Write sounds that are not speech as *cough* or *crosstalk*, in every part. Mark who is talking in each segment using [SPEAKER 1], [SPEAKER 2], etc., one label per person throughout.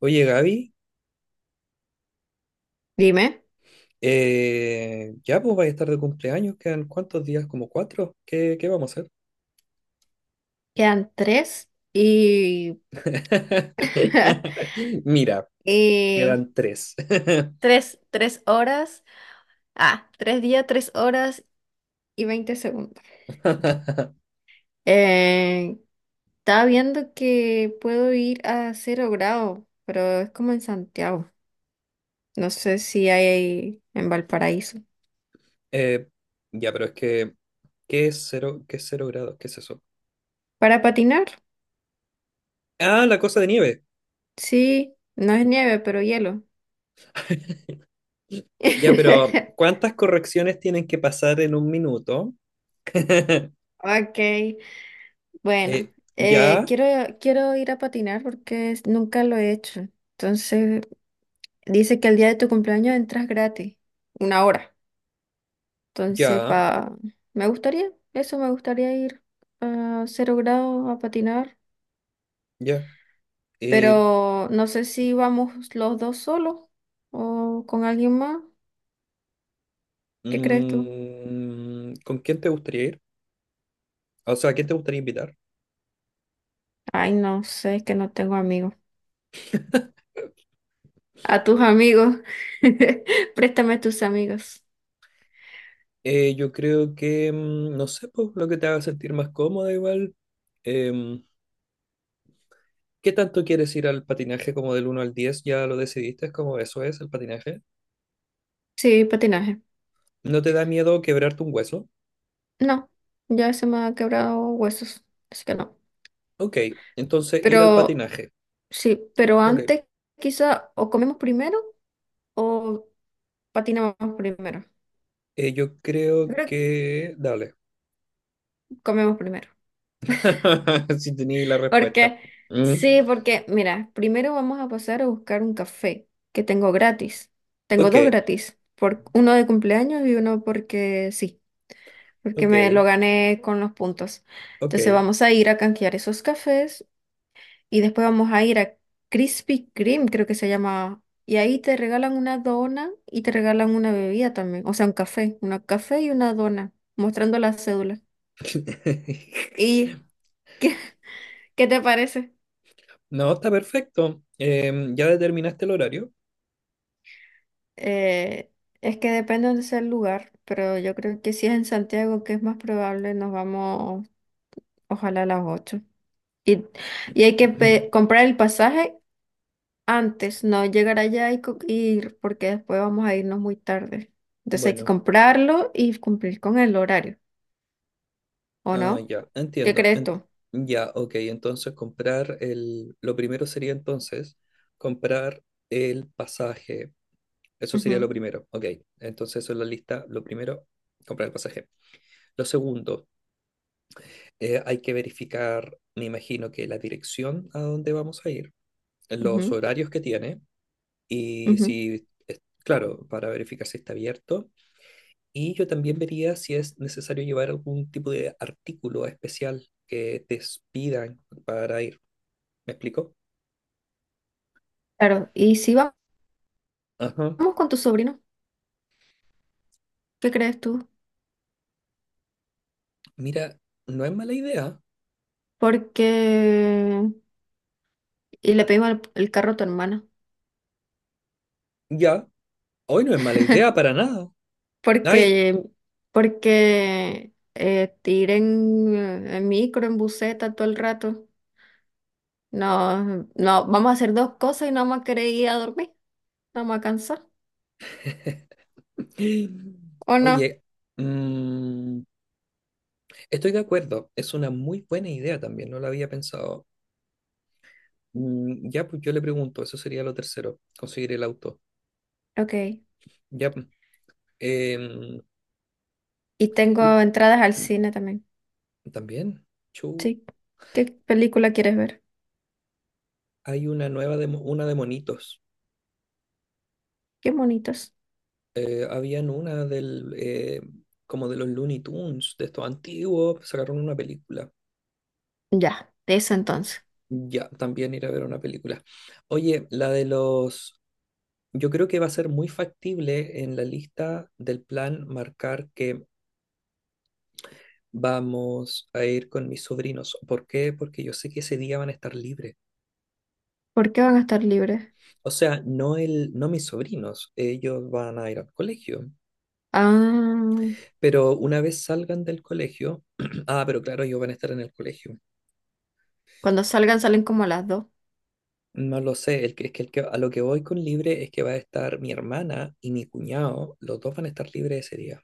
[SPEAKER 1] Oye, Gaby,
[SPEAKER 2] Dime.
[SPEAKER 1] ya pues vais a estar de cumpleaños, quedan cuántos días, como 4, ¿qué vamos a hacer?
[SPEAKER 2] Quedan 3 y, *laughs*
[SPEAKER 1] *laughs* Mira,
[SPEAKER 2] y
[SPEAKER 1] quedan 3. *laughs*
[SPEAKER 2] tres horas. Ah, 3 días, 3 horas y 20 segundos. Eh, estaba viendo que puedo ir a Cero Grado, pero es como en Santiago. No sé si hay ahí en Valparaíso.
[SPEAKER 1] Eh, ya, pero es que, ¿qué es cero grados? ¿Qué es eso?
[SPEAKER 2] Para patinar,
[SPEAKER 1] Ah, la cosa de nieve.
[SPEAKER 2] sí, no es nieve, pero hielo.
[SPEAKER 1] Ya, pero
[SPEAKER 2] *laughs*
[SPEAKER 1] ¿cuántas correcciones tienen que pasar en un minuto?
[SPEAKER 2] Ok, bueno,
[SPEAKER 1] Ya,
[SPEAKER 2] quiero ir a patinar nunca lo he hecho. Entonces, dice que el día de tu cumpleaños entras gratis, una hora. Entonces,
[SPEAKER 1] ya,
[SPEAKER 2] eso me gustaría ir a Cero Grado a patinar,
[SPEAKER 1] ya. Eh,
[SPEAKER 2] pero no sé si vamos los dos solos o con alguien más. ¿Qué crees tú?
[SPEAKER 1] ¿Con quién te gustaría ir? O sea, ¿a quién te gustaría invitar?
[SPEAKER 2] Ay, no sé, es que no tengo amigos. A tus amigos, *laughs* préstame tus amigos.
[SPEAKER 1] Yo creo que, no sé, pues, lo que te haga sentir más cómoda igual. Em, ¿Qué tanto quieres ir al patinaje como del uno al 10? ¿Ya lo decidiste? ¿Es como eso es el patinaje?
[SPEAKER 2] Sí, patinaje.
[SPEAKER 1] ¿No te da miedo quebrarte un hueso?
[SPEAKER 2] No, ya se me ha quebrado huesos, así que no.
[SPEAKER 1] Ok, entonces ir al
[SPEAKER 2] Pero
[SPEAKER 1] patinaje.
[SPEAKER 2] sí, pero
[SPEAKER 1] Ok,
[SPEAKER 2] antes quizá o comemos primero o patinamos primero.
[SPEAKER 1] yo
[SPEAKER 2] Yo
[SPEAKER 1] creo
[SPEAKER 2] creo que
[SPEAKER 1] que. Dale,
[SPEAKER 2] comemos primero. *laughs*
[SPEAKER 1] *laughs* si tenía la respuesta.
[SPEAKER 2] Porque,
[SPEAKER 1] Mm,
[SPEAKER 2] sí, porque, mira, primero vamos a pasar a buscar un café que tengo gratis. Tengo
[SPEAKER 1] Ok,
[SPEAKER 2] dos gratis, por, uno de cumpleaños y uno porque sí, porque me
[SPEAKER 1] ok,
[SPEAKER 2] lo gané con los puntos. Entonces
[SPEAKER 1] ok.
[SPEAKER 2] vamos a ir a canjear esos cafés. Y después vamos a ir a Krispy Kreme, creo que se llama. Y ahí te regalan una dona y te regalan una bebida también. O sea, un café. Una café y una dona, mostrando la cédula.
[SPEAKER 1] *laughs*
[SPEAKER 2] ¿Y qué, *laughs* qué te parece?
[SPEAKER 1] No, está perfecto. ¿Ya determinaste el horario?
[SPEAKER 2] Eh, es que depende de dónde sea el lugar, pero yo creo que si es en Santiago, que es más probable, nos vamos ojalá a las 8. Y, y hay que
[SPEAKER 1] *clears throat*
[SPEAKER 2] comprar el pasaje antes. No, llegar allá y ir, porque después vamos a irnos muy tarde. Entonces hay que
[SPEAKER 1] Bueno.
[SPEAKER 2] comprarlo y cumplir con el horario, ¿o
[SPEAKER 1] Ah,
[SPEAKER 2] no?
[SPEAKER 1] ya,
[SPEAKER 2] ¿Qué
[SPEAKER 1] entiendo.
[SPEAKER 2] crees tú?
[SPEAKER 1] Ya, ok, entonces Lo primero sería entonces comprar el pasaje. Eso sería lo
[SPEAKER 2] Ujú,
[SPEAKER 1] primero, ok. Entonces eso es la lista. Lo primero, comprar el pasaje. Lo segundo, hay que verificar, me imagino que la dirección a donde vamos a ir, los
[SPEAKER 2] ujú,
[SPEAKER 1] horarios que tiene y
[SPEAKER 2] ujú.
[SPEAKER 1] si, claro, para verificar si está abierto. Y yo también vería si es necesario llevar algún tipo de artículo especial que te pidan para ir. ¿Me explico?
[SPEAKER 2] Claro, y si va-
[SPEAKER 1] Ajá.
[SPEAKER 2] vamos con tu sobrino, ¿qué crees tú?
[SPEAKER 1] Mira, no es mala idea.
[SPEAKER 2] Porque... Y le pedimos el carro a tu hermana.
[SPEAKER 1] Ya, hoy no es mala idea para nada. Ay,
[SPEAKER 2] Porque... Porque... te ir en micro, en buseta todo el rato. No, no, vamos a hacer dos cosas y no vamos a querer ir a dormir. No vamos a cansar. ¿O no?
[SPEAKER 1] oye, mm, estoy de acuerdo. Es una muy buena idea también, no la había pensado. Ya, pues yo le pregunto, eso sería lo tercero, conseguir el auto.
[SPEAKER 2] Ok.
[SPEAKER 1] Ya, pues, em,
[SPEAKER 2] Y tengo
[SPEAKER 1] *clears throat*
[SPEAKER 2] entradas al cine también.
[SPEAKER 1] también, chu,
[SPEAKER 2] Sí. ¿Qué película quieres ver?
[SPEAKER 1] hay una nueva de, una de monitos.
[SPEAKER 2] Qué bonitos.
[SPEAKER 1] Habían una del, como de los Looney Tunes, de estos antiguos, sacaron una película.
[SPEAKER 2] Ya, de eso entonces.
[SPEAKER 1] Ya, también ir a ver una película. Oye, yo creo que va a ser muy factible en la lista del plan marcar que vamos a ir con mis sobrinos. ¿Por qué? Porque yo sé que ese día van a estar libres.
[SPEAKER 2] ¿Por qué van a estar libres?
[SPEAKER 1] O sea, no, no mis sobrinos, ellos van a ir al colegio.
[SPEAKER 2] Ah,
[SPEAKER 1] Pero una vez salgan del colegio, *clears throat* ah, pero claro, ellos van a estar en el colegio.
[SPEAKER 2] cuando salgan, salen como a las 2.
[SPEAKER 1] No lo sé, el que, es que, el que a lo que voy con libre es que va a estar mi hermana y mi cuñado, los dos van a estar libres ese día.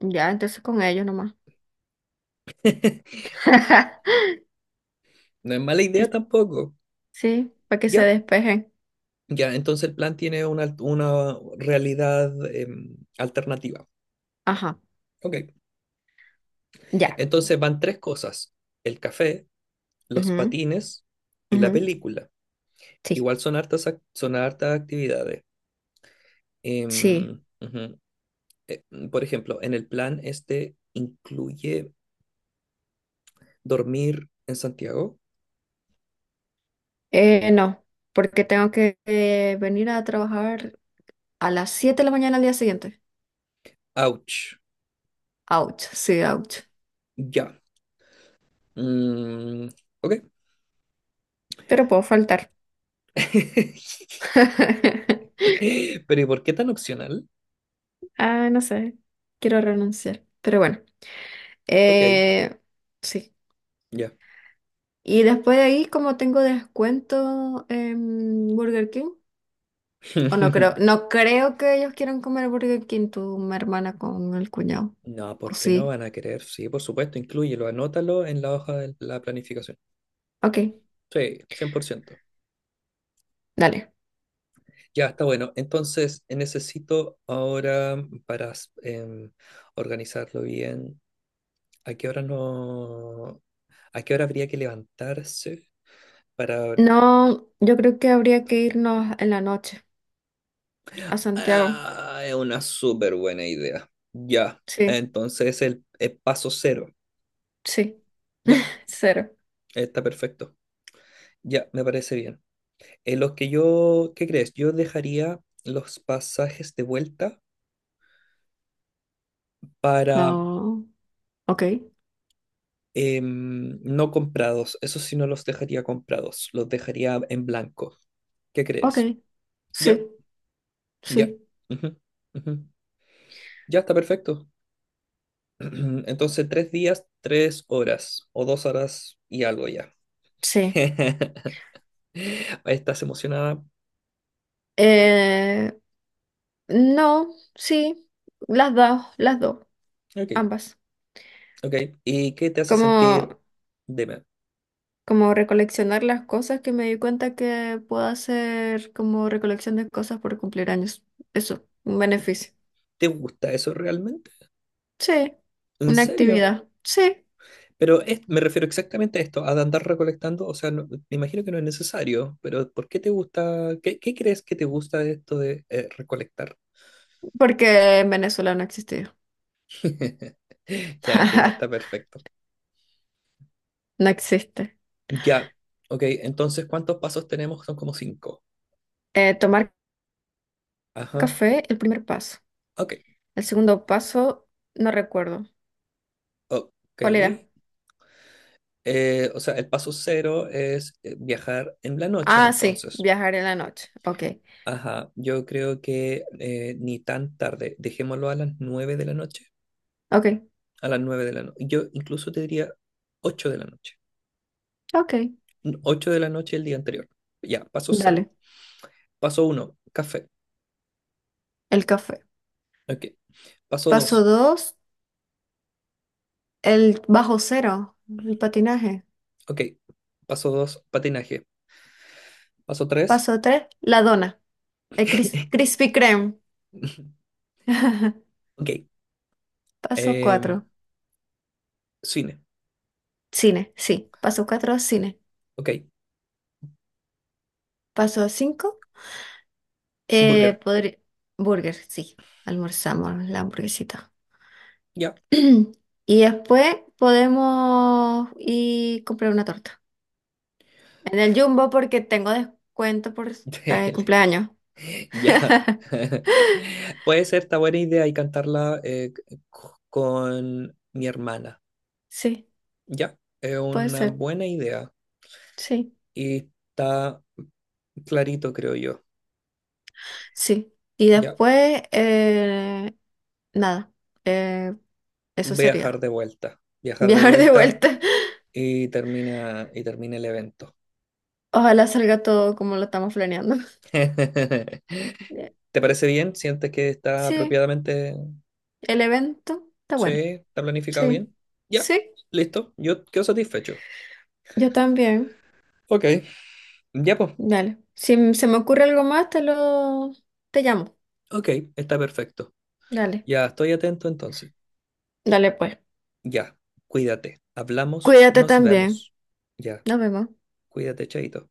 [SPEAKER 2] Ya, entonces con ellos nomás.
[SPEAKER 1] *laughs*
[SPEAKER 2] *laughs*
[SPEAKER 1] No es mala
[SPEAKER 2] Que-
[SPEAKER 1] idea tampoco.
[SPEAKER 2] Sí, para que se
[SPEAKER 1] Ya,
[SPEAKER 2] despejen.
[SPEAKER 1] ya, entonces el plan tiene una realidad alternativa.
[SPEAKER 2] Ajá,
[SPEAKER 1] Ok,
[SPEAKER 2] ya.
[SPEAKER 1] entonces van tres cosas, el café, los
[SPEAKER 2] Ujú,
[SPEAKER 1] patines y
[SPEAKER 2] ujú.
[SPEAKER 1] la película.
[SPEAKER 2] Sí,
[SPEAKER 1] Igual son hartas, son hartas actividades.
[SPEAKER 2] sí.
[SPEAKER 1] Ujú. Eh, por ejemplo, en el plan este incluye dormir en Santiago.
[SPEAKER 2] No, porque tengo que venir a trabajar a las 7 de la mañana al día siguiente.
[SPEAKER 1] Ouch.
[SPEAKER 2] Ouch, sí, ouch.
[SPEAKER 1] Ya. Mm, ok.
[SPEAKER 2] Pero puedo faltar.
[SPEAKER 1] *laughs*
[SPEAKER 2] *laughs*
[SPEAKER 1] Pero ¿y por qué tan opcional?
[SPEAKER 2] Ah, no sé, quiero renunciar, pero bueno,
[SPEAKER 1] Ok,
[SPEAKER 2] eh, sí.
[SPEAKER 1] ya.
[SPEAKER 2] Y después de ahí, como tengo descuento en Burger King, o no
[SPEAKER 1] *laughs*
[SPEAKER 2] creo, no creo que ellos quieran comer Burger King, tu mi hermana con el cuñado,
[SPEAKER 1] No,
[SPEAKER 2] o
[SPEAKER 1] porque no
[SPEAKER 2] sí,
[SPEAKER 1] van a querer. Sí, por supuesto, inclúyelo, anótalo en la hoja de la planificación.
[SPEAKER 2] ok,
[SPEAKER 1] Sí, 100%.
[SPEAKER 2] dale.
[SPEAKER 1] Ya, está bueno. Entonces, necesito ahora para em, organizarlo bien, ¿a qué hora no, ¿a qué hora habría que levantarse para
[SPEAKER 2] No, yo creo que habría que irnos en la noche a Santiago,
[SPEAKER 1] Ah, es una súper buena idea. Ya,
[SPEAKER 2] sí,
[SPEAKER 1] entonces el paso cero.
[SPEAKER 2] sí,
[SPEAKER 1] Ya,
[SPEAKER 2] *laughs* cero.
[SPEAKER 1] está perfecto. Ya, me parece bien. En los que yo, ¿qué crees? Yo dejaría los pasajes de vuelta para
[SPEAKER 2] No, ok,
[SPEAKER 1] no comprados. Eso sí, no los dejaría comprados. Los dejaría en blanco. ¿Qué crees?
[SPEAKER 2] ok,
[SPEAKER 1] Ya,
[SPEAKER 2] sí,
[SPEAKER 1] ya.
[SPEAKER 2] sí,
[SPEAKER 1] Ujú, ujú. Ya está perfecto. *clears throat* Entonces, 3 días, 3 horas o 2 horas y algo ya.
[SPEAKER 2] sí.
[SPEAKER 1] *laughs* Estás emocionada.
[SPEAKER 2] Eh, no, sí, las dos,
[SPEAKER 1] Ok,
[SPEAKER 2] ambas.
[SPEAKER 1] ok. ¿Y qué te hace
[SPEAKER 2] Como,
[SPEAKER 1] sentir? Dime,
[SPEAKER 2] como recoleccionar las cosas que me di cuenta que puedo hacer como recolección de cosas por cumplir años. Eso, un beneficio.
[SPEAKER 1] ¿te gusta eso realmente?
[SPEAKER 2] Sí,
[SPEAKER 1] ¿En
[SPEAKER 2] una
[SPEAKER 1] serio?
[SPEAKER 2] actividad. Sí,
[SPEAKER 1] Pero me refiero exactamente a esto, a andar recolectando. O sea, me imagino que no es necesario, pero ¿por qué te gusta? ¿Qué crees que te gusta de esto de recolectar?
[SPEAKER 2] porque en Venezuela no existía.
[SPEAKER 1] *laughs* Ya entiendo, está
[SPEAKER 2] *laughs*
[SPEAKER 1] perfecto.
[SPEAKER 2] No existe.
[SPEAKER 1] Ya, ok. Entonces, ¿cuántos pasos tenemos? Son como cinco.
[SPEAKER 2] Tomar
[SPEAKER 1] Ajá.
[SPEAKER 2] café, el primer paso.
[SPEAKER 1] Ok,
[SPEAKER 2] El segundo paso, no recuerdo.
[SPEAKER 1] ok.
[SPEAKER 2] ¿Cuál era?
[SPEAKER 1] O sea, el paso cero es viajar en la noche,
[SPEAKER 2] Ah, sí,
[SPEAKER 1] entonces.
[SPEAKER 2] viajar en la noche. Ok,
[SPEAKER 1] Ajá, yo creo que ni tan tarde, dejémoslo a las 9 de la noche,
[SPEAKER 2] ok,
[SPEAKER 1] a las 9 de la noche, yo incluso te diría 8 de la noche,
[SPEAKER 2] ok.
[SPEAKER 1] 8 de la noche el día anterior, ya, paso cero,
[SPEAKER 2] Dale,
[SPEAKER 1] paso uno, café,
[SPEAKER 2] el café.
[SPEAKER 1] ok, paso
[SPEAKER 2] Paso
[SPEAKER 1] dos,
[SPEAKER 2] 2 el bajo cero, el patinaje.
[SPEAKER 1] ok, paso dos, patinaje, paso tres,
[SPEAKER 2] Paso 3 la dona, el
[SPEAKER 1] *laughs*
[SPEAKER 2] Krispy Kreme. *laughs*
[SPEAKER 1] ok,
[SPEAKER 2] Paso
[SPEAKER 1] em,
[SPEAKER 2] 4
[SPEAKER 1] cine,
[SPEAKER 2] cine, sí. Paso 4 cine.
[SPEAKER 1] ok,
[SPEAKER 2] Paso 5 eh,
[SPEAKER 1] burger,
[SPEAKER 2] podri- burger, sí. Almorzamos la hamburguesita. *clears throat*
[SPEAKER 1] ya,
[SPEAKER 2] Y después podemos ir comprar una torta. En el Jumbo porque tengo descuento por
[SPEAKER 1] *laughs*
[SPEAKER 2] estar de
[SPEAKER 1] Tele,
[SPEAKER 2] cumpleaños.
[SPEAKER 1] ya,
[SPEAKER 2] *laughs*
[SPEAKER 1] *laughs* puede ser, esta buena idea y cantarla con mi hermana.
[SPEAKER 2] Sí,
[SPEAKER 1] Ya, es
[SPEAKER 2] puede
[SPEAKER 1] una
[SPEAKER 2] ser.
[SPEAKER 1] buena idea
[SPEAKER 2] Sí.
[SPEAKER 1] y está clarito, creo yo.
[SPEAKER 2] Sí. Y
[SPEAKER 1] Ya,
[SPEAKER 2] después, nada, eh, eso sería. *laughs*
[SPEAKER 1] viajar de
[SPEAKER 2] Viajar de
[SPEAKER 1] vuelta
[SPEAKER 2] vuelta. *laughs*
[SPEAKER 1] y termina el evento.
[SPEAKER 2] Ojalá salga todo como lo estamos planeando.
[SPEAKER 1] *laughs* ¿Te
[SPEAKER 2] Eh,
[SPEAKER 1] parece bien? ¿Sientes que está
[SPEAKER 2] Sí,
[SPEAKER 1] apropiadamente?
[SPEAKER 2] el evento está
[SPEAKER 1] Sí,
[SPEAKER 2] bueno.
[SPEAKER 1] está planificado
[SPEAKER 2] Sí.
[SPEAKER 1] bien. Ya,
[SPEAKER 2] Sí,
[SPEAKER 1] listo, yo quedo satisfecho.
[SPEAKER 2] yo también.
[SPEAKER 1] Ok, ya pues.
[SPEAKER 2] Dale. Si se me ocurre algo más, te llamo.
[SPEAKER 1] Ok, está perfecto.
[SPEAKER 2] Dale.
[SPEAKER 1] Ya, estoy atento entonces.
[SPEAKER 2] Dale pues.
[SPEAKER 1] Ya, cuídate. Hablamos,
[SPEAKER 2] Cuídate
[SPEAKER 1] nos
[SPEAKER 2] también.
[SPEAKER 1] vemos. Ya,
[SPEAKER 2] Nos vemos.
[SPEAKER 1] cuídate, chaito.